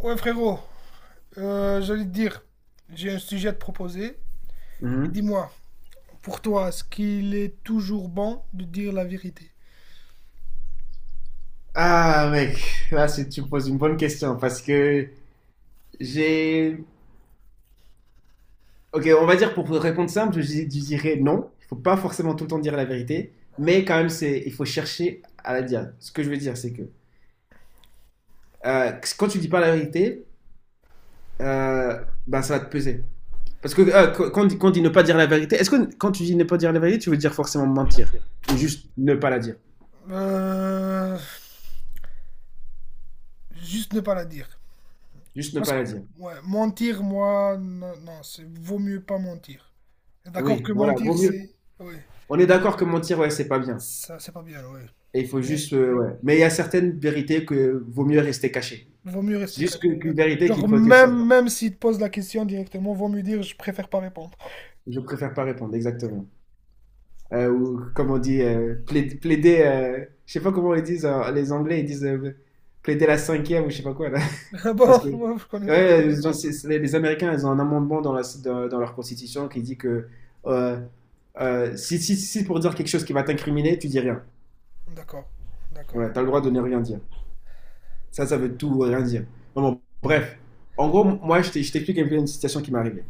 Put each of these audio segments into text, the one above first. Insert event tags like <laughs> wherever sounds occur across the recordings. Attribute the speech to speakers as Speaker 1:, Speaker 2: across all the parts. Speaker 1: Ouais, frérot, j'allais te dire, j'ai un sujet à te proposer.
Speaker 2: Mhm.
Speaker 1: Dis-moi, pour toi, est-ce qu'il est toujours bon de dire la vérité?
Speaker 2: Ah, mec, tu me poses une bonne question parce que j'ai. Ok, on va dire pour répondre simple, je dirais non. Il faut pas forcément tout le temps dire la vérité, mais quand même, il faut chercher à la dire. Ce que je veux dire, c'est que euh, quand tu dis pas la vérité, ben, ça va te peser. Parce que quand on dit, quand on dit ne pas dire la vérité, est-ce que quand tu dis ne pas dire la vérité, tu veux dire forcément mentir? Ou juste ne pas la dire?
Speaker 1: Euh, Juste ne pas la dire.
Speaker 2: Juste ne
Speaker 1: Parce
Speaker 2: pas
Speaker 1: que,
Speaker 2: la dire.
Speaker 1: ouais, mentir, moi, non, non, c'est vaut mieux pas mentir. D'accord
Speaker 2: Oui,
Speaker 1: que
Speaker 2: voilà, vaut
Speaker 1: mentir,
Speaker 2: mieux.
Speaker 1: c'est, oui,
Speaker 2: On est d'accord que mentir, ouais, c'est pas bien.
Speaker 1: ça, c'est pas bien, oui.
Speaker 2: Et il faut
Speaker 1: Mais
Speaker 2: juste, ouais. Mais il y a certaines vérités que vaut mieux rester cachées.
Speaker 1: vaut mieux rester caché.
Speaker 2: Qu'une vérité qu'il
Speaker 1: Genre,
Speaker 2: faut qu'elle sorte.
Speaker 1: même, même s'il te pose la question directement, vaut mieux dire, je préfère pas répondre. <laughs>
Speaker 2: Je préfère pas répondre, exactement. Ou comme on dit, plaider, je sais pas comment ils disent, les Anglais, ils disent plaider la cinquième ou je sais pas quoi, là.
Speaker 1: Ah
Speaker 2: <laughs> Parce que
Speaker 1: bon, moi, je connais pas.
Speaker 2: ouais, genre, les Américains, ils ont un amendement dans, dans, dans leur constitution qui dit que euh, si pour dire quelque chose qui va t'incriminer, tu dis rien.
Speaker 1: D'accord, d'accord.
Speaker 2: Ouais, t'as le droit de ne rien dire. Ça veut tout rien dire. Non, bon, bref. En gros, moi, je t'explique un peu une situation qui m'est arrivée.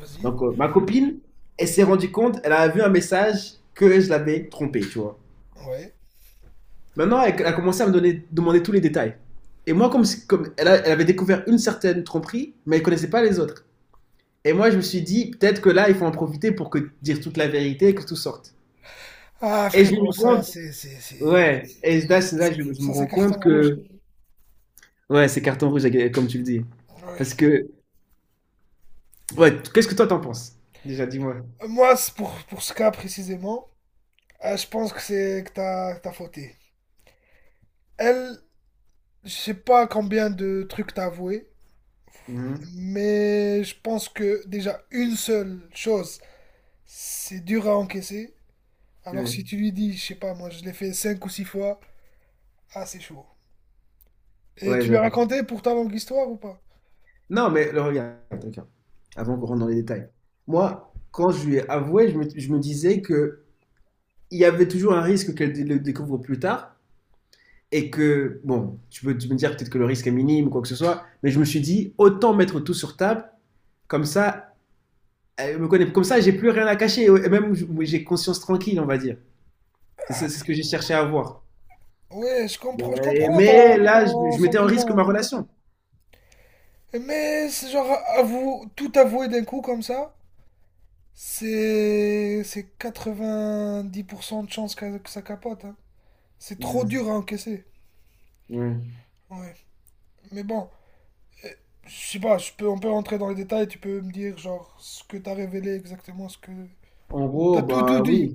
Speaker 1: Vas-y.
Speaker 2: Donc, ma copine, elle s'est rendue compte, elle a vu un message que je l'avais trompée, tu vois.
Speaker 1: Ouais.
Speaker 2: Maintenant, elle a commencé à me donner, demander tous les détails. Et moi, comme, si- comme elle avait découvert une certaine tromperie, mais elle connaissait pas les autres. Et moi, je me suis dit, peut-être que là, il faut en profiter pour que dire toute la vérité et que tout sorte.
Speaker 1: Ah
Speaker 2: Et je me
Speaker 1: frérot,
Speaker 2: rends
Speaker 1: ça
Speaker 2: compte,
Speaker 1: c'est
Speaker 2: ouais, et
Speaker 1: ouais,
Speaker 2: là, je me
Speaker 1: ça
Speaker 2: rends
Speaker 1: c'est carton
Speaker 2: compte
Speaker 1: rouge.
Speaker 2: que, ouais, c'est carton rouge, comme tu le dis. Parce
Speaker 1: Ouais.
Speaker 2: que ouais, qu'est-ce que toi t'en penses? Déjà, dis-moi.
Speaker 1: Moi c'est pour ce cas précisément, je pense que c'est que t'as fauté. Elle, je sais pas combien de trucs t'as avoué,
Speaker 2: Mhm.
Speaker 1: mais je pense que déjà une seule chose, c'est dur à encaisser. Alors
Speaker 2: Ouais,
Speaker 1: si tu lui dis, je sais pas, moi je l'ai fait cinq ou six fois, ah c'est chaud. Et
Speaker 2: ouais,
Speaker 1: tu lui as
Speaker 2: j'avoue.
Speaker 1: raconté pour ta longue histoire ou pas?
Speaker 2: Non, mais le regarde, regarde, avant qu'on rentre dans les détails. Moi, quand je lui ai avoué, je me disais que il y avait toujours un risque le découvre plus tard et que, bon, tu peux me dire peut-être que le risque est minime ou quoi que ce soit, mais je me suis dit, autant mettre tout sur table, comme ça, elle me connaît, comme ça, j'ai plus rien à cacher et même j'ai conscience tranquille, on va dire. C'est ce que j'ai cherché à avoir.
Speaker 1: Ouais, je comprends je comprends
Speaker 2: Mais là,
Speaker 1: ton
Speaker 2: je mettais en risque ma
Speaker 1: sentiment, hein.
Speaker 2: relation.
Speaker 1: Mais c'est genre tout avouer d'un coup comme ça, c'est 90% de chances que ça capote, hein. C'est trop
Speaker 2: Mmh,
Speaker 1: dur à encaisser.
Speaker 2: ouais.
Speaker 1: Ouais. Mais bon, euh, je sais pas, je peux, on peut rentrer dans les détails, tu peux me dire genre ce que t'as révélé exactement, ce que...
Speaker 2: En gros,
Speaker 1: T'as tout
Speaker 2: bah
Speaker 1: dit.
Speaker 2: oui,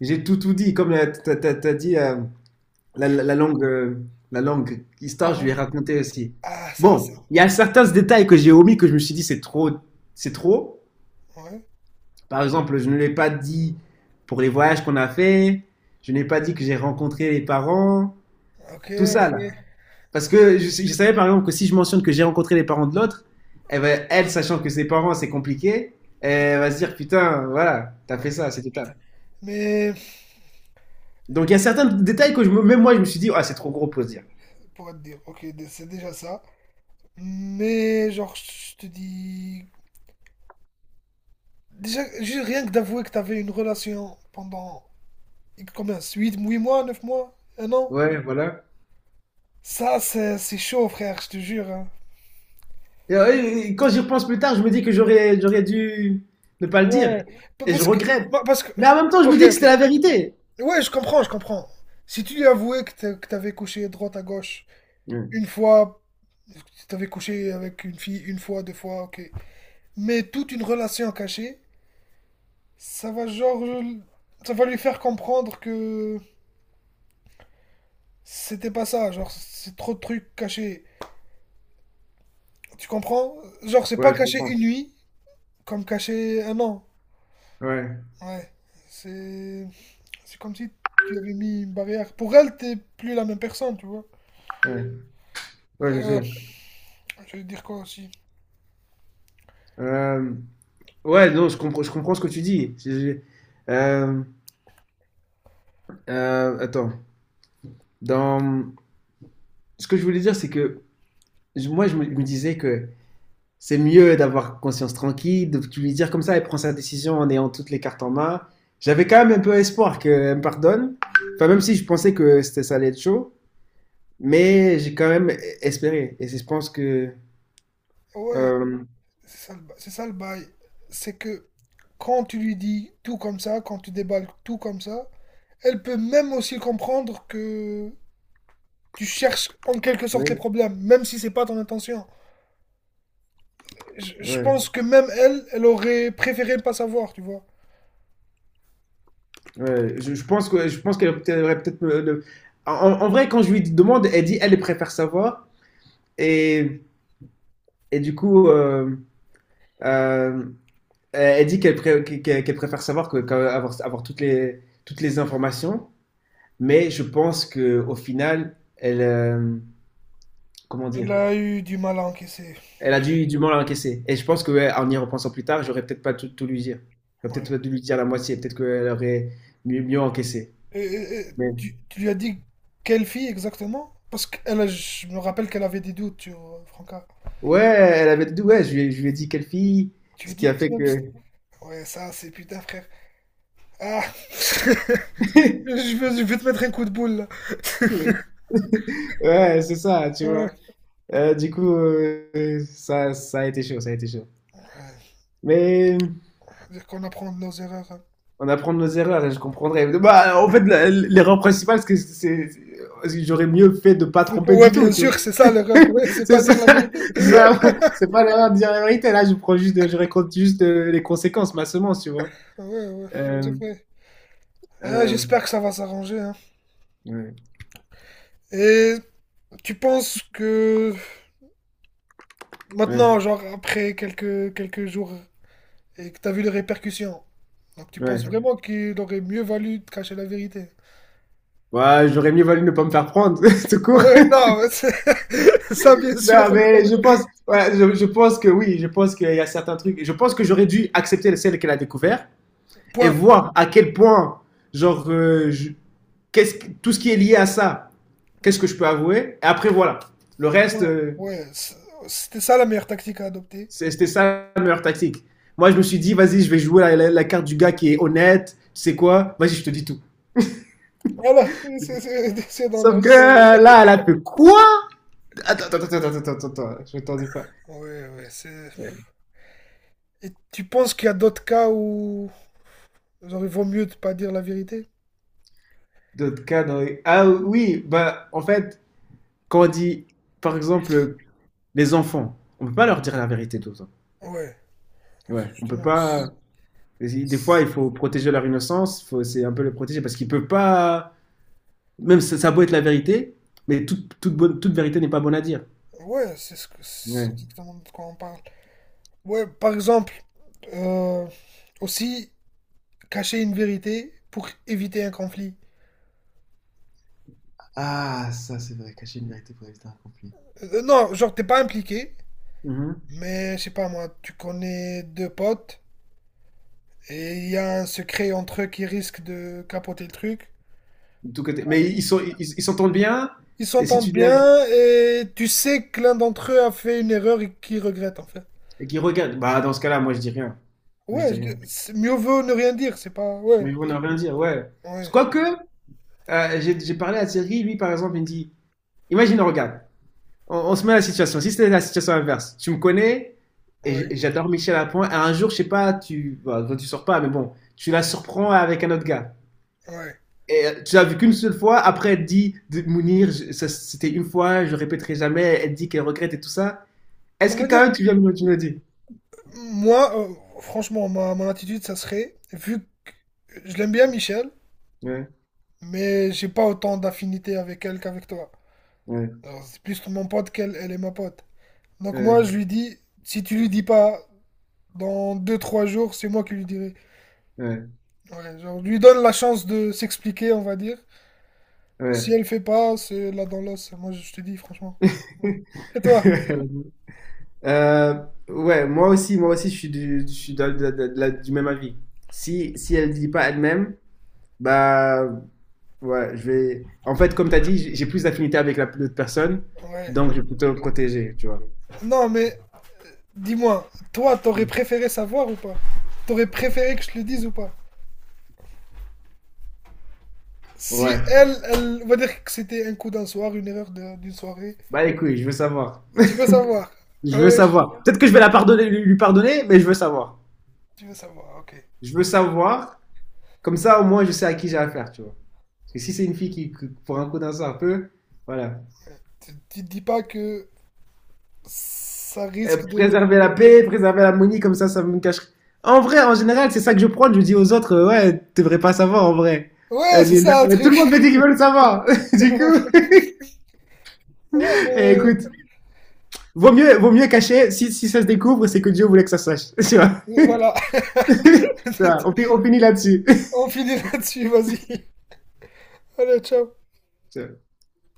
Speaker 2: j'ai tout tout dit. Comme t'as dit, la, la- la langue, euh, la langue histoire, je lui ai
Speaker 1: Pardon.
Speaker 2: raconté aussi.
Speaker 1: Ah, ça, ça.
Speaker 2: Bon, il y a certains détails que j'ai omis que je me suis dit c'est trop, c'est trop.
Speaker 1: Ouais.
Speaker 2: Par exemple, je ne l'ai pas dit pour les voyages qu'on a fait. Je n'ai pas dit que j'ai rencontré les parents.
Speaker 1: Ok,
Speaker 2: Tout
Speaker 1: ok,
Speaker 2: ça là. Parce
Speaker 1: ok.
Speaker 2: que je savais par exemple que si je mentionne que j'ai rencontré les parents de l'autre, elle, sachant que ses parents, c'est compliqué, elle va se dire putain, voilà, t'as fait
Speaker 1: Ouais,
Speaker 2: ça, c'était top.
Speaker 1: putain. Mais,
Speaker 2: Donc il y a certains détails que même moi, je me suis dit, ah, c'est trop gros pour se dire.
Speaker 1: pour te dire, ok, c'est déjà ça. Mais genre, je te dis, déjà, juste rien que d'avouer que t'avais une relation pendant combien 8 mois, 9 mois, un an?
Speaker 2: Ouais, voilà.
Speaker 1: Ça, c'est chaud, frère, je te jure, hein.
Speaker 2: Et, et quand j'y repense plus tard, je me dis que j'aurais dû ne pas le dire.
Speaker 1: Ouais,
Speaker 2: Et je
Speaker 1: parce que,
Speaker 2: regrette.
Speaker 1: parce que,
Speaker 2: Mais en même temps, je me
Speaker 1: ok,
Speaker 2: dis que
Speaker 1: ok.
Speaker 2: c'était la vérité.
Speaker 1: Ouais, je comprends. Si tu lui avouais que t'avais couché droite à gauche
Speaker 2: Ouais,
Speaker 1: une fois, que t'avais couché avec une fille une fois, deux fois, ok. Mais toute une relation cachée, ça va genre, ça va lui faire comprendre que c'était pas ça, genre c'est trop de trucs cachés. Tu comprends? Genre, c'est
Speaker 2: ouais,
Speaker 1: pas
Speaker 2: je
Speaker 1: cacher
Speaker 2: comprends.
Speaker 1: une nuit comme cacher un an.
Speaker 2: Ouais,
Speaker 1: Ouais. C'est c'est comme si tu avais mis une barrière. Pour elle, t'es plus la même personne, tu vois.
Speaker 2: ouais, ouais, je
Speaker 1: Euh,
Speaker 2: sais.
Speaker 1: je vais dire quoi aussi?
Speaker 2: Euh, ouais, non, je comprends ce que tu dis. Euh, attends. Dans... Ce que je voulais dire, c'est que je me disais que c'est mieux d'avoir conscience tranquille, de tu lui dire comme ça, elle prend sa décision en ayant toutes les cartes en main. J'avais quand même un peu espoir qu'elle me pardonne. Enfin, même si je pensais que c'était ça allait être chaud, mais j'ai quand même espéré. Et c'est- je pense que.
Speaker 1: Ouais,
Speaker 2: Euh,
Speaker 1: c'est ça le c'est ça le bail. C'est que quand tu lui dis tout comme ça, quand tu déballes tout comme ça, elle peut même aussi comprendre que tu cherches en quelque sorte les
Speaker 2: oui,
Speaker 1: problèmes, même si c'est pas ton intention. Je
Speaker 2: ouais,
Speaker 1: pense que même elle, elle aurait préféré ne pas savoir, tu vois.
Speaker 2: ouais. Je pense qu'elle elle aurait En, en vrai, quand je lui demande, elle dit elle préfère savoir. Et, et du coup, euh, elle dit qu'elle préfère savoir que, avoir toutes les informations, mais je pense que au final, elle, comment
Speaker 1: Elle
Speaker 2: dire,
Speaker 1: a eu du mal à encaisser.
Speaker 2: elle a du mal à encaisser. Et je pense que ouais, en y repensant plus tard, j'aurais peut-être pas tout, tout lui dire. J'aurais peut-être
Speaker 1: Ouais.
Speaker 2: pas dû lui dire la moitié. Peut-être qu'elle aurait mieux, mieux encaissé.
Speaker 1: Et
Speaker 2: Mais
Speaker 1: tu lui as dit quelle fille exactement? Parce que je me rappelle qu'elle avait des doutes sur Franca.
Speaker 2: ouais, elle avait dit ouais, je lui ai dit quelle fille,
Speaker 1: Tu lui
Speaker 2: ce
Speaker 1: as
Speaker 2: qui
Speaker 1: dit
Speaker 2: a
Speaker 1: que tu
Speaker 2: fait
Speaker 1: l'aimes, c'est-
Speaker 2: que
Speaker 1: ouais, ça, c'est putain, frère. Ah! <laughs>
Speaker 2: <laughs>
Speaker 1: Je je vais te mettre un coup de boule, là.
Speaker 2: ouais, c'est ça, tu
Speaker 1: Ouais.
Speaker 2: vois. Ça, ça a été chaud, ça a été chaud. Mais
Speaker 1: Dire qu'on apprend de nos erreurs, hein.
Speaker 2: on apprend de nos erreurs et je comprendrai. Bah, en fait, l'erreur principale, c'est que j'aurais mieux fait de pas
Speaker 1: Faut pas-
Speaker 2: tromper
Speaker 1: ouais,
Speaker 2: du tout,
Speaker 1: bien
Speaker 2: tu vois.
Speaker 1: sûr, c'est ça l'erreur. Ouais,
Speaker 2: <laughs>
Speaker 1: c'est
Speaker 2: C'est
Speaker 1: pas
Speaker 2: ça,
Speaker 1: dire la vérité.
Speaker 2: c'est ça, c'est pas l'erreur de dire la vérité. Là, je prends juste, je raconte juste les conséquences, ma semence, tu vois.
Speaker 1: Ah ouais, ouais,
Speaker 2: Euh,
Speaker 1: c'est vrai. Ah,
Speaker 2: euh,
Speaker 1: j'espère que ça va s'arranger, hein.
Speaker 2: ouais,
Speaker 1: Et tu penses que maintenant,
Speaker 2: ouais,
Speaker 1: genre après quelques jours et que t'as vu les répercussions, donc tu penses
Speaker 2: ouais.
Speaker 1: vraiment qu'il aurait mieux valu de cacher la vérité?
Speaker 2: Ouais, j'aurais mieux valu ne pas me faire prendre, <laughs> tout court.
Speaker 1: Ouais, non, mais c'est- <laughs> ça bien sûr,
Speaker 2: Non,
Speaker 1: on est
Speaker 2: mais je
Speaker 1: d'accord.
Speaker 2: pense, voilà, je pense que oui, je pense qu'il y a certains trucs. Je pense que j'aurais dû accepter celle qu'elle a découvert et
Speaker 1: Point.
Speaker 2: voir à quel point, genre, qu'est-ce tout ce qui est lié à ça, qu'est-ce que je peux avouer. Et après, voilà. Le reste,
Speaker 1: Point. Ouais, c'était ça la meilleure tactique à adopter.
Speaker 2: c'était ça la meilleure tactique. Moi, je me suis dit, vas-y, je vais jouer la carte du gars qui est honnête. Tu sais quoi. Vas-y, je te dis tout.
Speaker 1: Voilà, <laughs> c'est dans
Speaker 2: Sauf que
Speaker 1: l'os.
Speaker 2: là, elle a fait quoi. Attends, attends, attends, attends, attends, attends, je m'attendais pas.
Speaker 1: Ouais, ouais, c'est...
Speaker 2: Ouais.
Speaker 1: Et tu penses qu'il y a d'autres cas où genre, il vaut mieux de pas dire la vérité?
Speaker 2: D'autres cas, ah oui, bah, en fait, quand on dit, par exemple, les enfants, on peut pas leur dire la vérité tout le temps.
Speaker 1: Ouais, c'est
Speaker 2: Ouais, on peut
Speaker 1: justement, c'est-
Speaker 2: pas. Des fois, il faut protéger leur innocence, faut... c'est un peu les protéger parce qu'ils peuvent pas. Même ça, ça a beau être la vérité, mais toute vérité n'est pas bonne à dire.
Speaker 1: ouais, c'est ce que c'est
Speaker 2: Ouais.
Speaker 1: exactement de quoi on parle. Ouais, par exemple, euh, aussi cacher une vérité pour éviter un conflit.
Speaker 2: Ah, ça c'est vrai, cacher une vérité pour éviter un conflit.
Speaker 1: Non, genre, t'es pas impliqué,
Speaker 2: Mhm.
Speaker 1: mais je sais pas moi, tu connais deux potes et il y a un secret entre eux qui risque de capoter le truc.
Speaker 2: De tous côtés. Mais ils s'entendent bien.
Speaker 1: Ils
Speaker 2: Et si tu
Speaker 1: s'entendent
Speaker 2: dis la vérité
Speaker 1: bien et tu sais que l'un d'entre eux a fait une erreur et qu'il regrette en fait.
Speaker 2: et qu'ils regardent, bah dans ce cas-là, moi je dis rien. Moi je dis
Speaker 1: Ouais,
Speaker 2: rien.
Speaker 1: mieux vaut ne rien dire, c'est pas.
Speaker 2: Mais
Speaker 1: Ouais,
Speaker 2: ils vont ne rien dire, ouais. Parce que,
Speaker 1: ouais,
Speaker 2: quoique, j'ai parlé à Thierry, lui par exemple, il me dit, imagine, regarde, on se met à la situation. Si c'était la situation inverse, tu me connais et
Speaker 1: ouais,
Speaker 2: j'adore Michel Lapointe. Et un jour, je sais pas, toi, tu sors pas, mais bon, tu la surprends avec un autre gars.
Speaker 1: ouais.
Speaker 2: Et tu l'as vu qu'une seule fois, après elle dit, de Mounir, ça, c'était une fois, je répéterai jamais, elle dit qu'elle regrette et tout ça. Est-ce
Speaker 1: On
Speaker 2: que
Speaker 1: va
Speaker 2: quand
Speaker 1: dire
Speaker 2: même
Speaker 1: que
Speaker 2: tu me le dis?
Speaker 1: moi, franchement, mon attitude, ça serait, vu que je l'aime bien Michel,
Speaker 2: Ouais,
Speaker 1: mais j'ai pas autant d'affinité avec elle qu'avec toi.
Speaker 2: ouais,
Speaker 1: Alors, c'est plus mon pote qu'elle, elle est ma pote. Donc moi, je
Speaker 2: ouais,
Speaker 1: lui dis, si tu lui dis pas dans deux trois jours, c'est moi qui lui dirai.
Speaker 2: ouais,
Speaker 1: Ouais, genre, lui donne la chance de s'expliquer, on va dire. Si
Speaker 2: ouais.
Speaker 1: elle fait pas, c'est là dans l'os. Moi, je te dis, franchement. Et toi?
Speaker 2: <laughs> Euh, ouais, moi aussi, je suis du même avis. Si elle ne dit pas elle-même, bah ouais, je vais. En fait, comme tu as dit, j'ai plus d'affinité avec l'autre personne,
Speaker 1: Ouais.
Speaker 2: donc je vais plutôt me protéger, tu vois.
Speaker 1: Non, mais dis-moi, toi, t'aurais préféré savoir ou pas? T'aurais préféré que je te le dise ou pas? Si
Speaker 2: Ouais.
Speaker 1: elle, elle, on va dire que c'était un coup d'un soir, une erreur d'une soirée.
Speaker 2: Bah écoute, je veux savoir.
Speaker 1: Tu veux savoir? Ah
Speaker 2: Je veux
Speaker 1: ouais?
Speaker 2: savoir. Peut-être que je vais la pardonner, lui pardonner, mais je veux savoir.
Speaker 1: Tu veux savoir, ok.
Speaker 2: Je veux savoir. Comme ça, au moins, je sais à qui j'ai affaire, tu vois. Parce que si c'est une fille pour un coup d'un sort un peu, voilà.
Speaker 1: Tu te dis pas que ça risque
Speaker 2: Préserver
Speaker 1: de...
Speaker 2: la paix, préserver l'harmonie, comme ça me cache. En vrai, en général, c'est ça que je prends. Je dis aux autres, ouais, tu devrais pas savoir, en vrai.
Speaker 1: Ouais,
Speaker 2: Elle
Speaker 1: c'est
Speaker 2: dit,
Speaker 1: ça, un
Speaker 2: mais tout le monde me dit
Speaker 1: truc.
Speaker 2: qu'ils veulent savoir. <laughs> Du
Speaker 1: <laughs>
Speaker 2: coup,
Speaker 1: Ah,
Speaker 2: <laughs> eh,
Speaker 1: mais
Speaker 2: écoute, vaut mieux cacher. Si ça se découvre, c'est que Dieu voulait que ça se sache. <laughs> Tu vois.
Speaker 1: voilà. <laughs>
Speaker 2: <laughs> Tu vois, on finit là-dessus.
Speaker 1: On finit là-dessus, vas-y. Allez, ciao.
Speaker 2: <laughs> Tu vois.